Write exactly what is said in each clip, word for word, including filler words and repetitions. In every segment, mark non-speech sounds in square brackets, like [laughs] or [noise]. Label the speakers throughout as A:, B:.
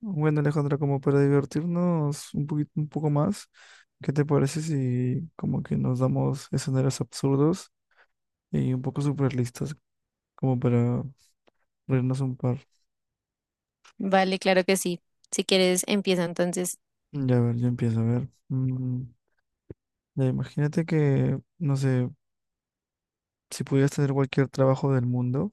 A: Bueno, Alejandra, como para divertirnos un poquito, un poco más, ¿qué te parece si como que nos damos escenarios absurdos y un poco surrealistas, como para reírnos un par?
B: Vale, claro que sí. Si quieres, empieza entonces.
A: Ya, a ver, yo empiezo, a ver. Mm, ya, imagínate que, no sé, si pudieras tener cualquier trabajo del mundo,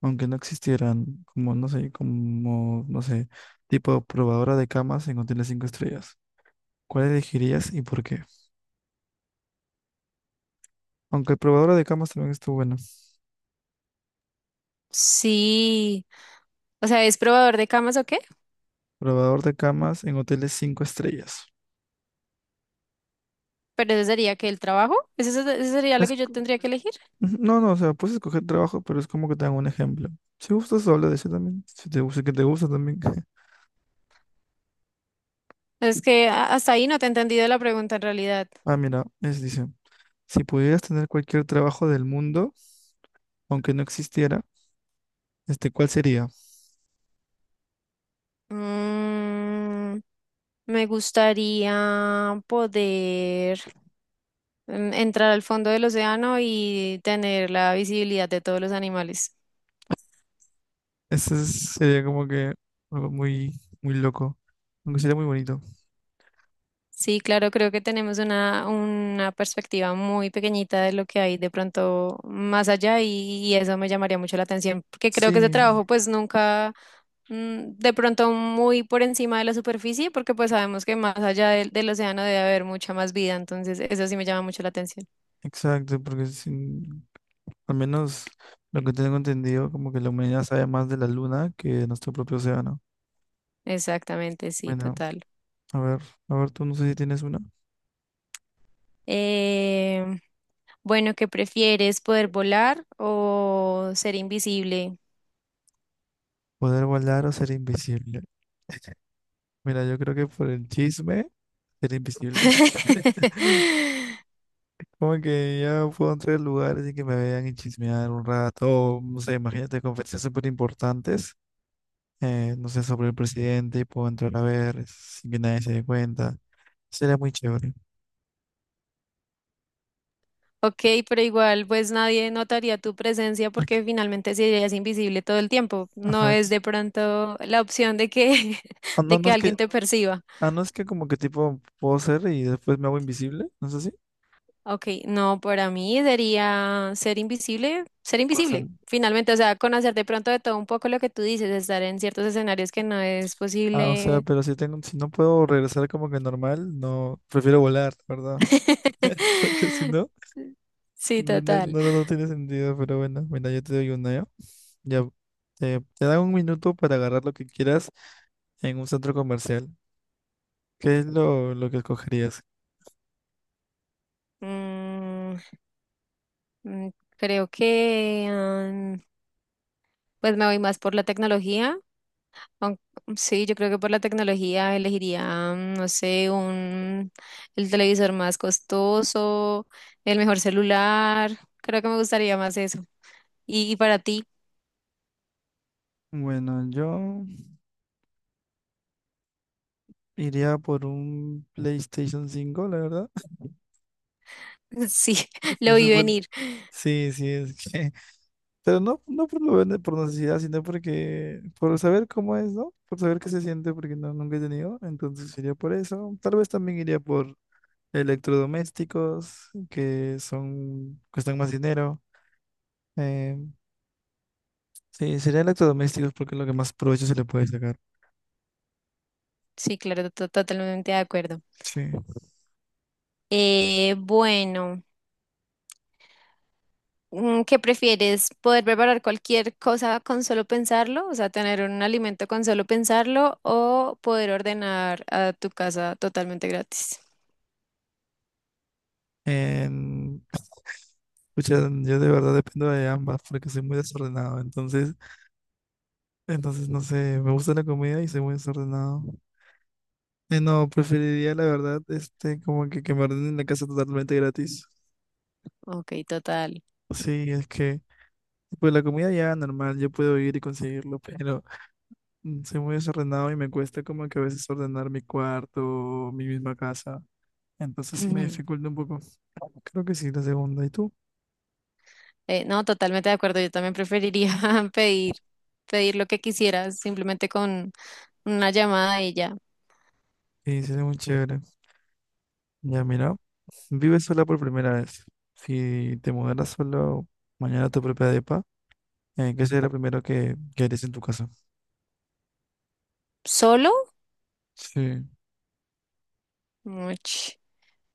A: aunque no existieran, como, no sé, como, no sé, tipo probadora de camas en hoteles cinco estrellas, ¿cuál elegirías y por qué? Aunque probadora de camas también estuvo bueno.
B: Sí. O sea, ¿es probador de camas o qué?
A: Probador de camas en hoteles cinco estrellas.
B: Pero eso sería que el trabajo. ¿Eso, se- eso sería lo que
A: Es-
B: yo tendría que elegir?
A: [laughs] no, no, o sea, puedes escoger trabajo, pero es como que te dan un ejemplo. Si gustas, habla de eso también. Si te gusta, que te gusta también. [laughs]
B: Es que a- hasta ahí no te he entendido la pregunta en realidad.
A: Ah, mira, es, dice, si pudieras tener cualquier trabajo del mundo, aunque no existiera, este, ¿cuál sería?
B: Mm, me gustaría poder mm, entrar al fondo del océano y tener la visibilidad de todos los animales.
A: Ese es- sería como que algo muy, muy loco, aunque sería muy bonito.
B: Sí, claro, creo que tenemos una, una perspectiva muy pequeñita de lo que hay de pronto más allá y, y eso me llamaría mucho la atención, porque creo que ese
A: Sí,
B: trabajo pues nunca, mm, de pronto muy por encima de la superficie, porque pues sabemos que más allá del, del océano debe haber mucha más vida, entonces eso sí me llama mucho la atención.
A: exacto, porque sin- al menos lo que tengo entendido, como que la humanidad sabe más de la luna que de nuestro propio océano.
B: Exactamente, sí,
A: Bueno.
B: total.
A: A ver, a ver, tú no sé si tienes una.
B: Eh, bueno, ¿qué prefieres, poder volar o ser invisible?
A: Poder volar o ser invisible. Mira, yo creo que por el chisme, ser invisible. [laughs]
B: [laughs]
A: Como que ya puedo entrar en lugares y que me vean y chismear un rato. O, no sé, imagínate conferencias súper importantes. Eh, no sé, sobre el presidente y puedo entrar a ver sin que nadie se dé cuenta. Sería muy chévere.
B: Ok, pero igual pues nadie notaría tu presencia
A: Ac-
B: porque finalmente serías invisible todo el tiempo. No
A: Ajá.
B: es
A: ex-
B: de pronto la opción de que, [laughs]
A: Ah, no,
B: de
A: no
B: que
A: es que,
B: alguien te perciba.
A: ah, no es que como que tipo puedo ser y después me hago invisible. No sé si.
B: Ok, no, para mí sería ser invisible, ser
A: Pasa.
B: invisible. Finalmente, o sea, conocer de pronto de todo un poco lo que tú dices, estar en ciertos escenarios que no es
A: Ah, o sea,
B: posible.
A: pero si tengo, si no puedo regresar como que normal, no, prefiero volar, ¿verdad? [laughs] Porque si
B: [laughs]
A: no,
B: Sí,
A: no, no,
B: total.
A: no- no tiene sentido, pero bueno, mira, yo te doy una, ¿ya? Ya, te, te dan un minuto para agarrar lo que quieras en un centro comercial. ¿Qué es lo, lo que escogerías?
B: Mm, mm, creo que mm, pues me voy más por la tecnología. Aun- mm, Sí, yo creo que por la tecnología elegiría, mm, no sé, un, el televisor más costoso, el mejor celular. Creo que me gustaría más eso. Y, y para ti,
A: Bueno, yo iría por un PlayStation cinco la verdad.
B: [laughs] sí, [laughs]
A: [laughs]
B: lo
A: Ese
B: vi
A: fue el-
B: venir.
A: Sí, sí, es que pero no, no por, lo vende- por necesidad, sino porque, por saber cómo es, ¿no? Por saber qué se siente, porque no, nunca he tenido. Entonces iría por eso. Tal vez también iría por electrodomésticos, que son, cuestan más dinero. Eh, sí, sería electrodomésticos porque es lo que más provecho se le puede sacar.
B: Sí, claro, to- totalmente de acuerdo.
A: Sí.
B: Eh, bueno, mm, ¿qué prefieres? ¿Poder preparar cualquier cosa con solo pensarlo? O sea, tener un alimento con solo pensarlo o poder ordenar a tu casa totalmente gratis.
A: En, [laughs] Pucha, yo de verdad dependo de ambas porque soy muy desordenado. Entonces, entonces no sé, me gusta la comida y soy muy desordenado. Eh, No, preferiría la verdad, este, como que, que, me ordenen la casa totalmente gratis.
B: Ok, total.
A: Sí, es que, pues la comida ya normal, yo puedo ir y conseguirlo, pero mm, soy muy desordenado y me cuesta como que a veces ordenar mi cuarto, mi misma casa. Entonces me
B: [laughs]
A: dificulta un poco. Creo que sí, la segunda. ¿Y tú?
B: Eh, no, totalmente de acuerdo. Yo también preferiría [laughs] pedir, pedir lo que quisiera simplemente con una llamada y ya.
A: Sí, sería muy chévere. Ya, mira, vives sola por primera vez. Si te mudaras solo mañana a tu propia depa, eh, ¿qué sería lo primero que, que harías en tu casa?
B: ¿Solo?
A: Sí.
B: Uch,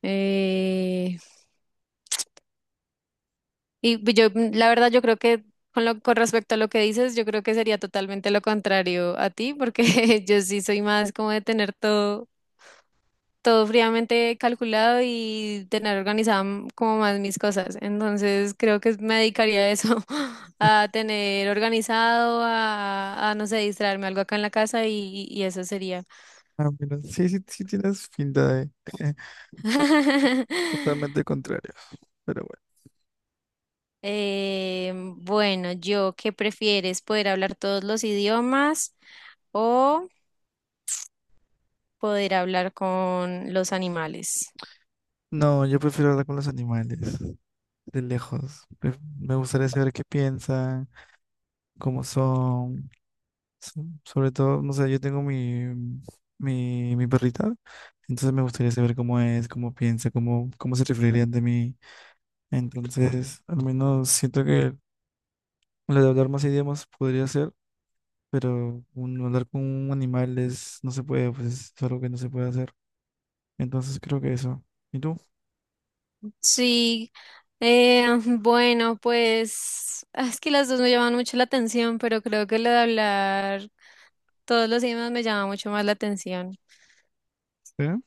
B: eh, y pues yo, mm, la verdad, yo creo que con lo, con respecto a lo que dices, yo creo que sería totalmente lo contrario a ti, porque [laughs] yo sí soy más como de tener todo todo fríamente calculado y tener organizado m- como más mis cosas. Entonces creo que me dedicaría a eso, [laughs] a tener organizado, a, a, no sé, distraerme algo acá en la casa y, y eso sería.
A: Ah, mira, sí, sí, sí tienes pinta de [laughs]
B: [laughs]
A: totalmente contrario, pero bueno.
B: Eh, bueno, yo, ¿qué prefieres? ¿Poder hablar todos los idiomas o poder hablar con los animales?
A: No, yo prefiero hablar con los animales, de lejos. Pref- Me gustaría saber qué piensan, cómo son. so- Sobre todo, no sé, yo tengo mi, mi, mi perrita, entonces me gustaría saber cómo es, cómo piensa, cómo, cómo se referiría ante mí. Entonces, al menos siento que lo de hablar más idiomas podría ser, pero un, hablar con un animal es, no se puede, pues es algo que no se puede hacer. Entonces creo que eso. ¿Y tú?
B: Sí, eh, bueno, pues ah, es que las dos me llaman mucho la atención, pero creo que lo de hablar todos los idiomas me llama mucho más la atención.
A: Sí.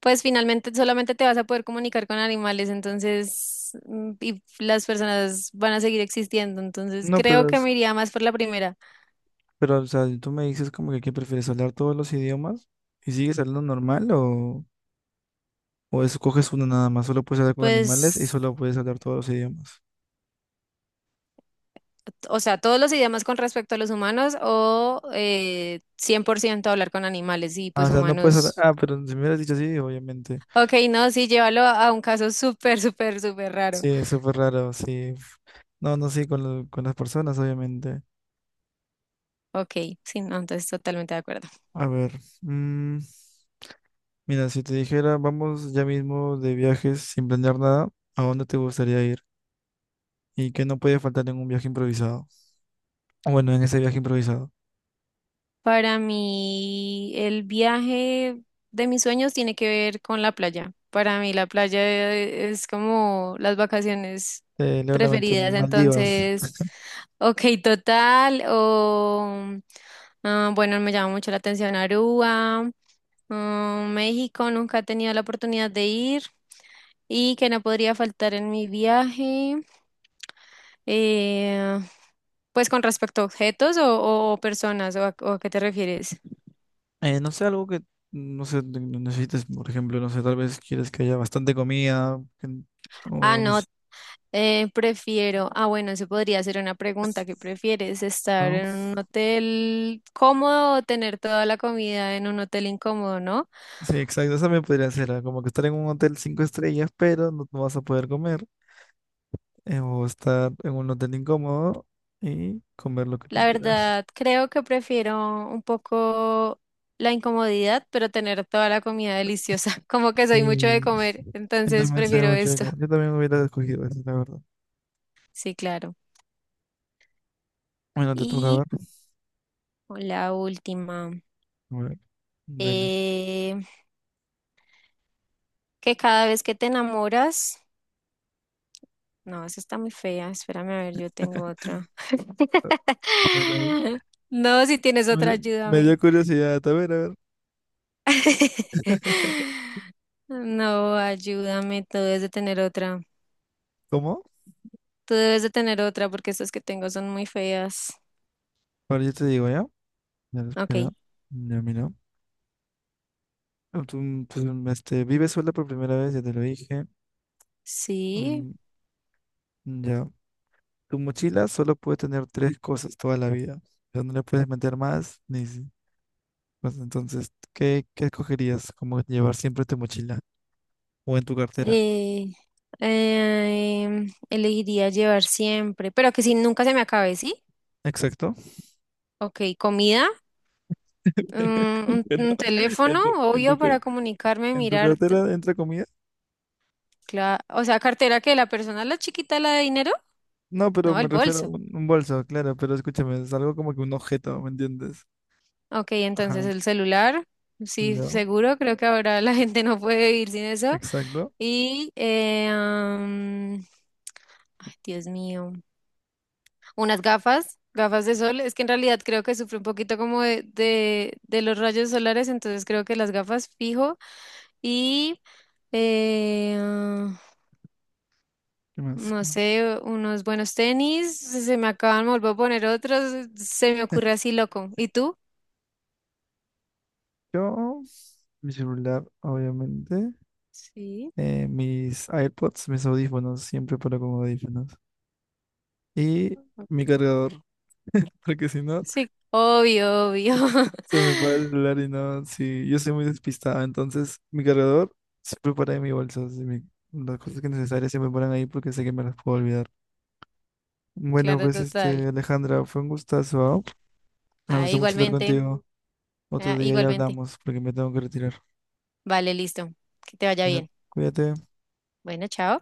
B: Pues finalmente solamente te vas a poder comunicar con animales, entonces, mm, y las personas van a seguir existiendo, entonces
A: No,
B: creo
A: pero,
B: que
A: es-
B: me iría más por la primera.
A: pero, o sea, tú me dices como que, ¿qué prefieres? ¿Hablar todos los idiomas? ¿Y sigues hablando normal o, o escoges uno nada más? Solo puedes hablar con animales y
B: Pues,
A: solo puedes hablar todos los idiomas.
B: o sea, todos los idiomas con respecto a los humanos o eh, cien por ciento hablar con animales y
A: Ah, o
B: pues
A: sea, no puedes hablar.
B: humanos.
A: Ah, pero si me hubieras dicho así, obviamente.
B: Ok, no, sí, llévalo a un caso súper, súper, súper raro.
A: Sí, es súper raro, sí. No, no, sí, con, lo- con las personas, obviamente.
B: Ok, sí, no, entonces totalmente de acuerdo.
A: A ver, mm, mira, si te dijera, vamos ya mismo de viajes sin planear nada, ¿a dónde te gustaría ir? ¿Y qué no puede faltar en un viaje improvisado? Bueno, en ese viaje improvisado.
B: Para mí, el viaje de mis sueños tiene que ver con la playa. Para mí, la playa es como las vacaciones
A: Eh, leo la mente,
B: preferidas.
A: Maldivas.
B: Entonces, ok, total, o ah, bueno, me llama mucho la atención Aruba, ah, México, nunca he tenido la oportunidad de ir y que no podría faltar en mi viaje. Eh, pues con respecto a objetos o, o o personas, o a, o a qué te refieres?
A: Eh, no sé, algo que, no sé, ne- ne- necesites, por ejemplo, no sé, tal vez quieres que haya bastante comida, que n-
B: Ah,
A: o no
B: no,
A: sé,
B: eh, prefiero, ah, bueno, eso podría ser una pregunta, ¿qué prefieres?
A: [laughs]
B: ¿Estar
A: ¿no?
B: en un hotel cómodo o tener toda la comida en un hotel incómodo, no?
A: Sí, exacto, esa me podría ser, ah, como que estar en un hotel cinco estrellas, pero no, no vas a poder comer, eh, o estar en un hotel incómodo y comer lo que tú
B: La
A: quieras.
B: verdad, creo que prefiero un poco la incomodidad, pero tener toda la comida deliciosa. [laughs] Como que soy mucho de
A: Sí,
B: comer,
A: yo
B: entonces
A: también sé
B: prefiero
A: mucho de
B: esto.
A: comer, yo también hubiera escogido eso, la verdad.
B: Sí, claro.
A: Bueno, te toca
B: Y
A: ver.
B: la última.
A: A ver, dale.
B: eh, Que cada vez que te enamoras, no, esa está muy fea. Espérame a ver, yo tengo otra. [laughs] No, si tienes otra,
A: Me, me dio
B: ayúdame.
A: curiosidad. A ver, a ver. [laughs]
B: [laughs] No, ayúdame, tú debes de tener otra.
A: ¿Cómo?
B: Tú debes de tener otra porque estas que tengo son muy feas.
A: Ahora yo te digo, ¿ya? Ya, espera.
B: Ok,
A: Ya, mira. Tú, tú, este, vives sola por primera vez, ya te lo dije.
B: sí.
A: Mm, ya. Tu mochila solo puede tener tres cosas toda la vida. O sea, no le puedes meter más, ni, si- pues entonces, ¿qué, qué escogerías? Como llevar siempre tu mochila? ¿O en tu cartera?
B: Eh, eh, elegiría llevar siempre, pero que si nunca se me acabe, ¿sí?
A: Exacto.
B: Ok, comida.
A: [laughs]
B: un,
A: Pero
B: un teléfono,
A: en tu, en
B: obvio,
A: tu, car-
B: para comunicarme,
A: En tu
B: mirar, t-
A: cartera entra comida.
B: cla- o sea, cartera que la persona, la chiquita, la de dinero,
A: No, pero
B: no,
A: me
B: el
A: refiero a
B: bolso.
A: un, un bolso, claro, pero escúchame, es algo como que un objeto, ¿me entiendes?
B: Ok,
A: Ajá,
B: entonces el celular, sí,
A: yo,
B: seguro, creo que ahora la [laughs] gente no puede vivir sin eso.
A: exacto.
B: Y, eh, am, ay, Dios mío, unas gafas. Gafas de sol, es que en realidad creo que sufre un poquito como de, de, de los rayos solares, entonces creo que las gafas fijo y Eh,
A: ¿Qué más? ¿Qué
B: No
A: más?
B: sé, unos buenos tenis, se me acaban, me vuelvo a poner otros, se me ocurre así loco. ¿Y tú?
A: Yo, mi celular, obviamente,
B: Sí.
A: eh, mis AirPods, mis audífonos, siempre paro con audífonos. Y mi cargador, [laughs] porque si no,
B: Sí, obvio, obvio.
A: se me va el
B: [laughs]
A: celular y no, sí, yo soy muy despistado, entonces mi cargador siempre para en mi bolso, así, mi- las cosas que necesarias siempre paran ahí porque sé que me las puedo olvidar. Bueno,
B: Claro,
A: pues
B: total.
A: este, Alejandra, fue un gustazo, ¿ah? Me
B: Ah,
A: gustó mucho estar
B: igualmente,
A: contigo. Otro
B: ah,
A: día ya
B: igualmente.
A: hablamos porque me tengo que retirar.
B: Vale, listo. Que te vaya
A: Cuídate.
B: bien.
A: Cuídate.
B: Bueno, chao.